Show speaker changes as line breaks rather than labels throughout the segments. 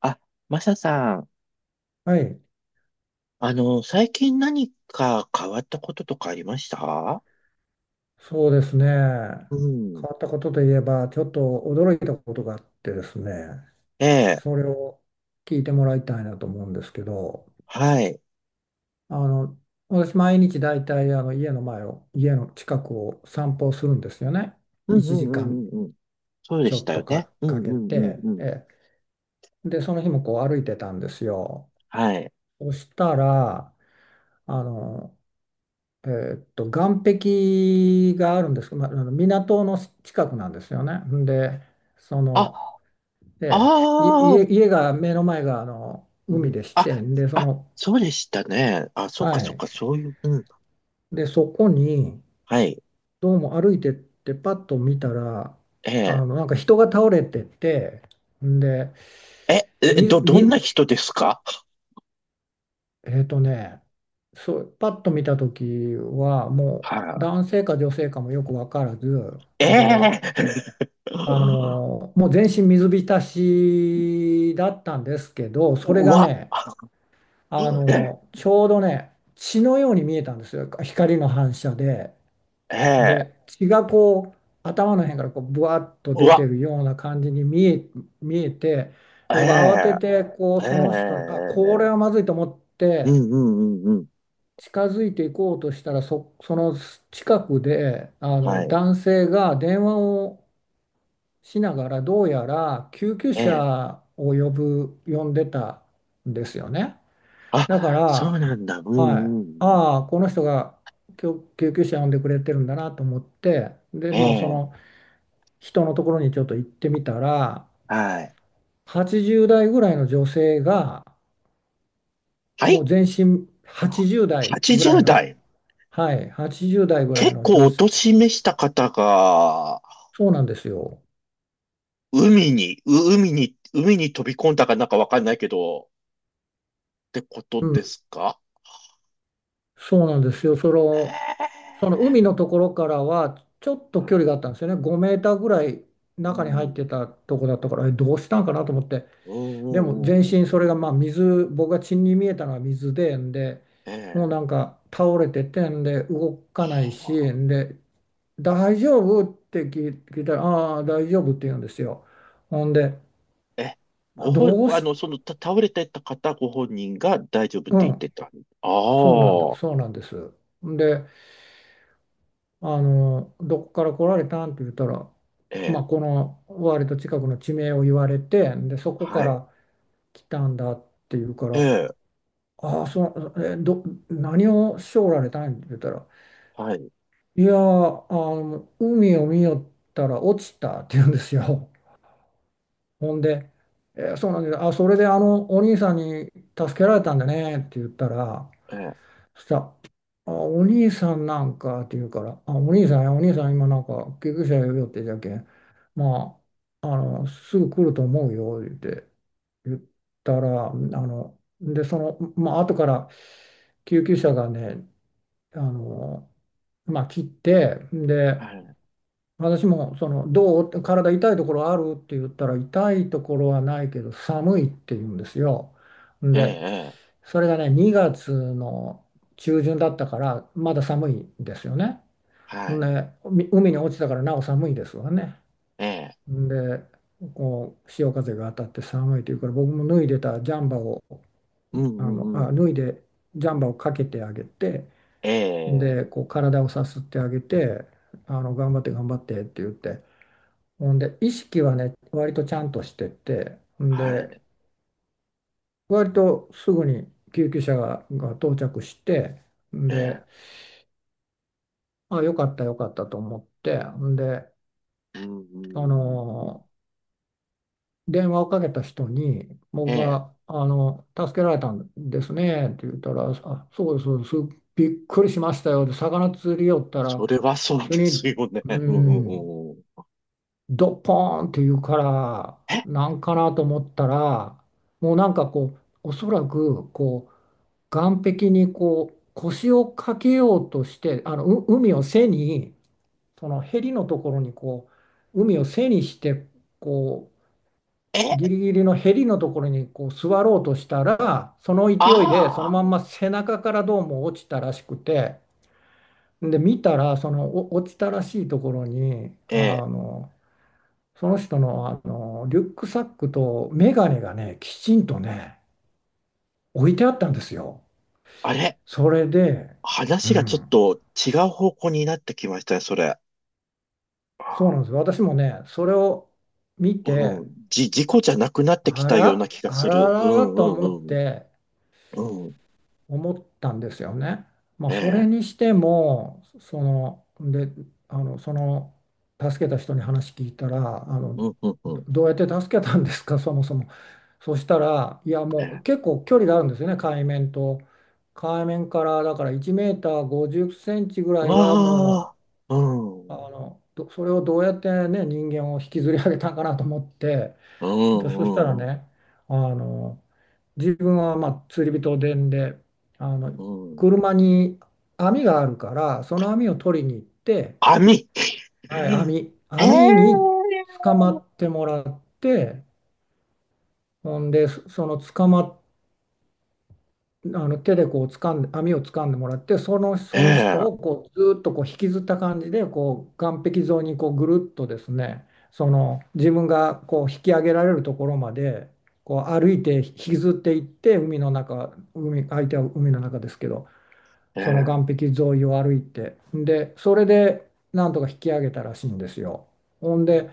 あ、マサさん、
はい、
最近何か変わったこととかありました？
そうですね。変
うん。
わったことといえば、ちょっと驚いたことがあってですね、
ええ、
それを聞いてもらいたいなと思うんですけど、
はい。
あの、私、毎日だいたい家の近くを散歩するんですよね。
うんう
1
んう
時間
んうんうん。そうで
ちょ
し
っ
たよ
と
ね。
か、
うんう
かけ
んうん
て、
うん。
え、で、その日もこう歩いてたんですよ。
はい。
そしたら、あの、え岸壁があるんですけど、まあ、あの港の近くなんですよね。んで、そ
あ、
の、
あ
でい
あ、
家、家が、目の前があの
う
海
ん。
でして、
あ、
んで、そ
あ、
の、
そうでしたね。あ、そっ
は
かそっ
い。
か、そういう、うん。
で、そこに、
はい。
どうも歩いてって、パッと見たら、
ええ、
なんか人が倒れてて、んで、
え、え、
み、
どんな
み、
人ですか？
ね、そう、パッと見た時は、もう、
は
男性か女性かもよくわからず、
い。え
で、
え、
もう全身水浸しだったんですけど、
う
それが
わ、
ね、
ええ、
ちょうどね、血のように見えたんですよ。光の反射で。
ええ、
で、血がこう、頭の辺からこう、ぶわっと
う
出て
わ、
るような感じに見えて、
え
で、僕慌て
え、
て、こ
え
う、
え、
その人
え
に、あ、これ
え、
はまずいと思っ
う
て、
んうんうんうん。
近づいていこうとしたら、その近くで、
はい。
男性が電話をしながらどうやら救急
ええ。
車を呼んでたんですよね。だか
あ、そう
ら、
なんだ。う
はい、
んうんうん。
ああこの人が救急車呼んでくれてるんだなと思って、で、
え
まあ、その
え。
人のところにちょっと行ってみたら、
はい。
80代ぐらいの女性が、
は
も
い。
う全身80代ぐらい
80
の、
代。
はい、80代ぐらい
結
の
構
女
お
性、
年めした方が、
そうなんですよ。
海に、海に飛び込んだかなんかわかんないけど、ってこと
う
で
ん、
すか？
そうなんですよ。そ
え
の、その海のところからはちょっ
え。う
と距
ん。
離があったんですよね。5メーターぐらい
う
中に入って
ん
たとこだったから、どうしたんかなと思って。
うんう
でも全
ん
身
う
そ
んう
れ
ん。
がまあ水、僕が血に見えたのは水で、んで、
え
もうなん
え。
か倒れてて、んで動かない
は
し、んで、大丈夫って聞いたら、ああ、大丈夫って言うんですよ。ほんで、
あ、え、
あ、
ご本、
どう
ご
し、
倒れてた方ご本人が大丈夫っ
う
て言って
ん、
た。あ
そうなんで
あ。
す、そうなんです。で、どこから来られたんって言ったら、
え
まあ、
え。
この割と近くの地名を言われて、で、そこか
はい。
ら来たんだって言うか
え
ら、
え、
ああ、何をしてられたんって言ったら、
はい、
いやー、海を見よったら落ちたって言うんですよ。ほんで、そうなんです。あ、それでお兄さんに助けられたんだねって言ったら、
ええ、
そしたら、あ、お兄さんなんかって言うから、あ、お兄さんや、お兄さん今なんか救急車呼ぶよってじゃけん、まあ、すぐ来ると思うよって言ったら、で、まあ、後から救急車がね、あの、まあ、来て、
は
で、
い、
私もどう体痛いところあるって言ったら、痛いところはないけど、寒いって言うんですよ。
え
で、
え、ええ、
それがね、2月の中旬だったから、まだ寒いんですよね。
はい、
ね、海に落ちたからなお寒いですわね。
ええ、
で、こう潮風が当たって寒いというから、僕も脱いでたジャンバーを、
うんうんうん、
脱いでジャンバーをかけてあげて、
ええ、
で、こう体をさすってあげて、頑張って頑張ってって言って、ほんで、意識はね、割とちゃんとしてて、ん
は
で、
い、
割とすぐに救急車が到着して、ん
ええ、
で、あ、よかったよかったと思って、んで、
うんうん
あ
うん、
の、電話をかけた人に、
え
僕
え、
が、助けられたんですねって言ったら、あ、そうです、そうです、びっくりしましたよ。で、魚釣りよった
そ
ら、
れはそうで
急
す
に、
よね。
う
うんう
ん、
んうん、
ドッポーンって言うから、
え、
なんかなと思ったら、もうなんかこう、おそらく、こう、岸壁にこう、腰をかけようとして、あの、う海を背に、そのヘリのところにこう海を背にしてこ
え、
うギリギリのヘリのところにこう座ろうとしたら、その勢いでその
あ
まん
あ、
ま背中からどうも落ちたらしくて、で見たらその落ちたらしいところに、
ええ、
その人の、リュックサックとメガネがね、きちんとね、置いてあったんですよ。
あれ、
それで、う
話がちょっ
ん、
と違う方向になってきましたね、それ。
そうなんですよ。私もねそれを見て、
うん、事故じゃなくなってき
あ
たような
ら、
気が
あ
す
ら
る。う
らら
んう
と思
んう
っ
ん、
て、
うん、
思ったんですよね。まあ、
え
それ
え、
にしても、で、あの、その、助けた人に話聞いたら、
うんうんう
ど
ん、
どうやって助けたんですか、そもそも。そしたら、いや、
え
もう
え、
結構距離があるんですよね、海面と。海面から、だから1メーター50センチぐらいはも
わあ、う
う、
ん。
それをどうやってね、人間を引きずり上げたんかなと思って、
う
で、そしたら
んうん
ね、あの、自分はまあ釣り人で、んで、あの、
うんうん。
車に網があるから、その網を取りに行って、
網
はい、網、網
ええ
に捕まってもらって、ほんで、そその捕まっあの手でこう掴んで、網を掴んでもらって、その人
え
をこうずーっとこう引きずった感じでこう岸壁沿いにこうぐるっとですね、その自分がこう引き上げられるところまでこう歩いて引きずっていって、海の中、相手は海の中ですけど、
え
その
え
岸
え、
壁沿いを歩いて、でそれでなんとか引き上げたらしいんですよ。ほんで、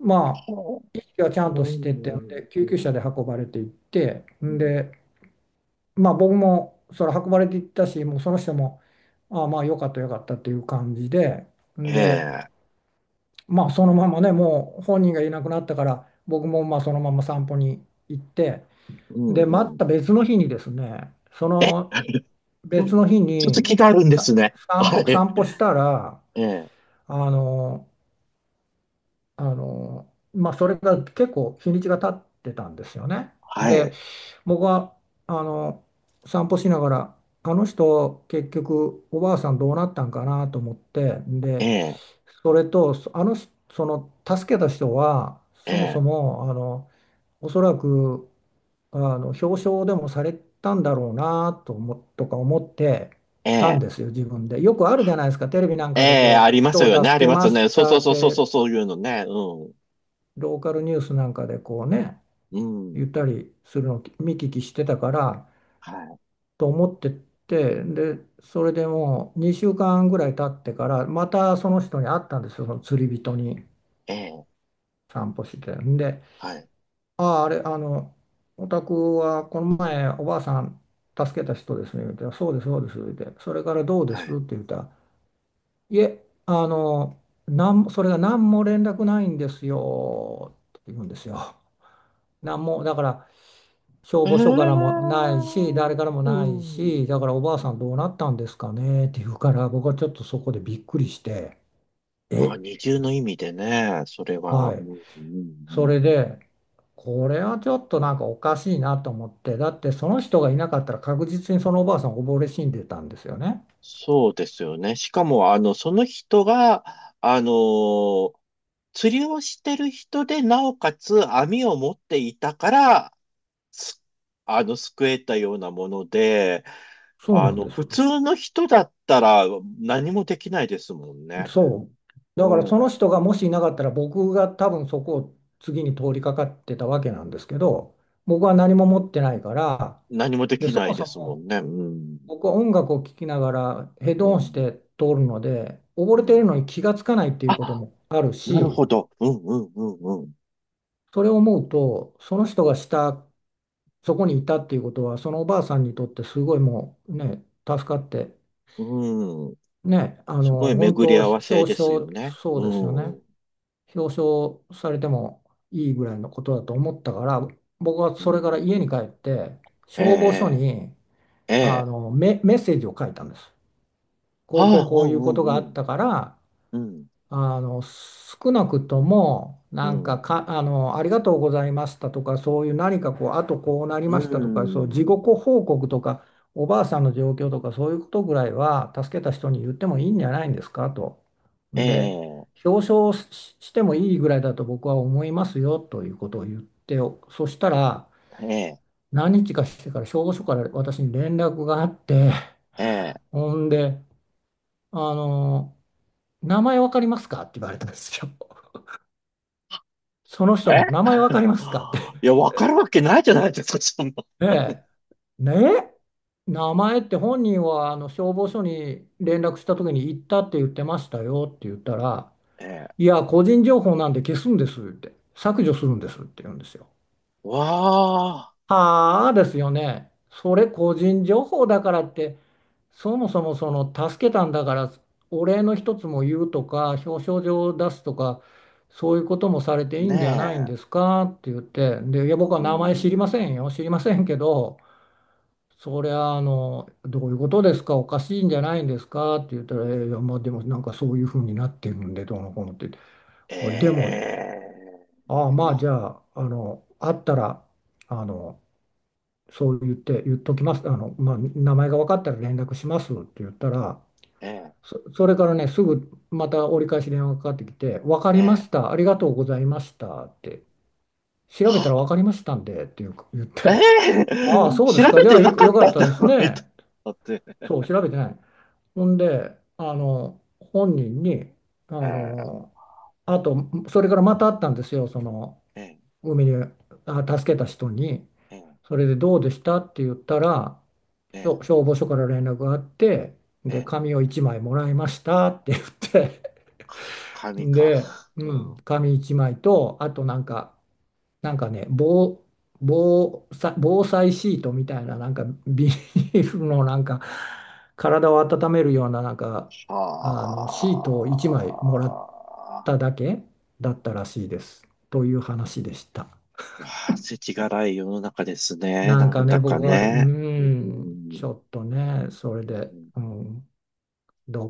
まあ
ほ
意識はちゃ
う、
ん
う
として
ん
て、で
う
救急車で
ん
運ばれていって、
うん、
でまあ僕もそれ運ばれていったし、もうその人も、ああまあよかったよかったっていう感じで、んで、
ええ、
まあそのままね、もう本人がいなくなったから、僕もまあそのまま散歩に行って、
うん
で、
う
ま
ん。
た別の日にですね、そ
え
の 別の日
続
に
きがあ
あ
るんです
さ
ね。
散
は
歩、
い。
散歩したら、
ええ、
あの、まあそれが結構日にちが経ってたんですよね。
は
で、
い。
僕はあの散歩しながら、あの人結局おばあさんどうなったんかなと思って、
え
で、
え
それとあの人、その助けた人はそもそ
ええ
もおそらく表彰でもされたんだろうなと思とか思ってたん
ええ
ですよ、自分で。よくあるじゃないですか、テレビなん
え
かで
え、
こ
あ
う、
りま
人
すよ
を
ね。あ
助
り
け
ます
ま
よ
し
ね。そう
た
そう
っ
そうそう
て
そう、そういうのね。うん。
ローカルニュースなんかでこうね、
うん。
言ったりするのを見聞きしてたから。
はい。
と思ってて、で、それでもう2週間ぐらい経ってから、またその人に会ったんですよ、その釣り人に、
ええ、
散歩して。んで、
はい。
ああ、あれ、お宅はこの前おばあさん助けた人ですね、言うて、そうです、そうです、言うて、それからどうで
は
すっ
い。
て言ったら、いえ、なんも、それが何も連絡ないんですよ、って言うんですよ。なんも、だから、消
え
防署から
え、
もないし、誰からも
う
ないし、
ん。
だからおばあさんどうなったんですかねって言うから、僕はちょっとそこでびっくりして、
あ、
え、
二重の意味でね、それは、う
はい。
ん、うん、う
そ
ん。
れ
うん。
で、これはちょっとなんかおかしいなと思って、だってその人がいなかったら確実にそのおばあさん溺れ死んでたんですよね。
そうですよね。しかも、その人が、あのー釣りをしてる人で、なおかつ網を持っていたから、すあの、救えたようなもので、
そうなんです
普
よ。
通の人だったら何もできないですもんね。
そう。だから
うん。
その人がもしいなかったら僕が多分そこを次に通りかかってたわけなんですけど、僕は何も持ってないから、
何もで
で、
き
そ
な
も
いで
そ
すも
も
んね。うん。
僕は音楽を聴きながらヘッ
う
ドホンし
ん。
て通るので、溺
う
れている
ん。
のに気がつかないっていうこと
あ、
もある
なる
し、
ほど。うん、うん、うん、う
それを思うと、その人がそこにいたっていうことは、そのおばあさんにとってすごいもうね、助かって、
ん。うん、
ね、
すごい
本
巡
当
り合わせですよね。
そう
う
ですよね。
ん。
表彰されてもいいぐらいのことだと思ったから、僕は
う
それから家に帰
ん。
って、
え
消防署
え、
に、
ええ。
メッセージを書いたんです。こうこう
ああ、
こう
う
いうこと
ん、
が
う
あっ
ん、
たから、
うん。
少なくとも
う
なん
ん、う
か、
ん。
「ありがとうございました」とかそういう何かこうあとこうなり
う
ましたとかそう事
ん。
後報告とかおばあさんの状況とかそういうことぐらいは助けた人に言ってもいいんじゃないんですかと。
え
で、
え、
表彰し、してもいいぐらいだと僕は思いますよということを言ってよ、そしたら
ええ、
何日かしてから消防署から私に連絡があって、
ええ。
ほんであの「名前わかりますか？」って言われたんですよ。その人の
え、
名前わかりますかって。
いや、わかるわけないじゃないですか、そんな。
ええ。ねえ。名前って本人は消防署に連絡した時に行ったって言ってましたよって言ったら、
え
い
え。
や、個人情報なんで消すんですって、削除するんですって言うんですよ。
わあ、
ああですよね。それ個人情報だからって、そもそもその助けたんだから、お礼の一つも言うとか、表彰状を出すとか、そういうこともされていい
ね
んじゃないんで
え。
すかって言って、で、いや、僕は
う
名前知りませんよ、
ん。
知りませんけど、それはどういうことですか、おかしいんじゃないんですかって言ったら、いや、まあ、でもなんかそういうふうになってるんで、どうのこうのって言って、でも、
え
ああ、
え、
まあ、じ
ね
ゃあ、あったら、あの、そう言っときます。まあ、名前が分かったら連絡しますって言ったら、
え、え
それからね、すぐまた折り返し電話がかかってきて、分か
え、
り
え
まし
え。
た、ありがとうございましたって、調べた
は、
ら分かりましたんでっていう言って、
え
ああ、
え、
そうで
調
すか、
べ
じゃ
て
あ
なか
よ
っ
かっ
たん
たで
だ、
す
えっと。
ね。
だって、
そう、調べてない。ほんで、あの、本人に、あ
ええ、
の、あと、それからまた会ったんですよ、その、
ええ、
海に、あ、助けた人に。
ええ。
それでどうでしたって言ったら、
え
そう
え、
消防署から連絡があって、
え
で、
え、
紙を1枚もらいましたって言って
紙か。
で、う
う
ん、
ん。
紙1枚と、あとなんか、なんかね、防災シートみたいな、なんかビニールのなんか、体を温めるような、なんか、
は
シートを1枚もらっただけだったらしいです。という話でした。
あ。わあ、世知辛い世の中ですね。
なん
なん
か
だ
ね、
か
僕は、
ね。う
ち
ん。
ょっとね、それ
う
で、
ん
うん。ど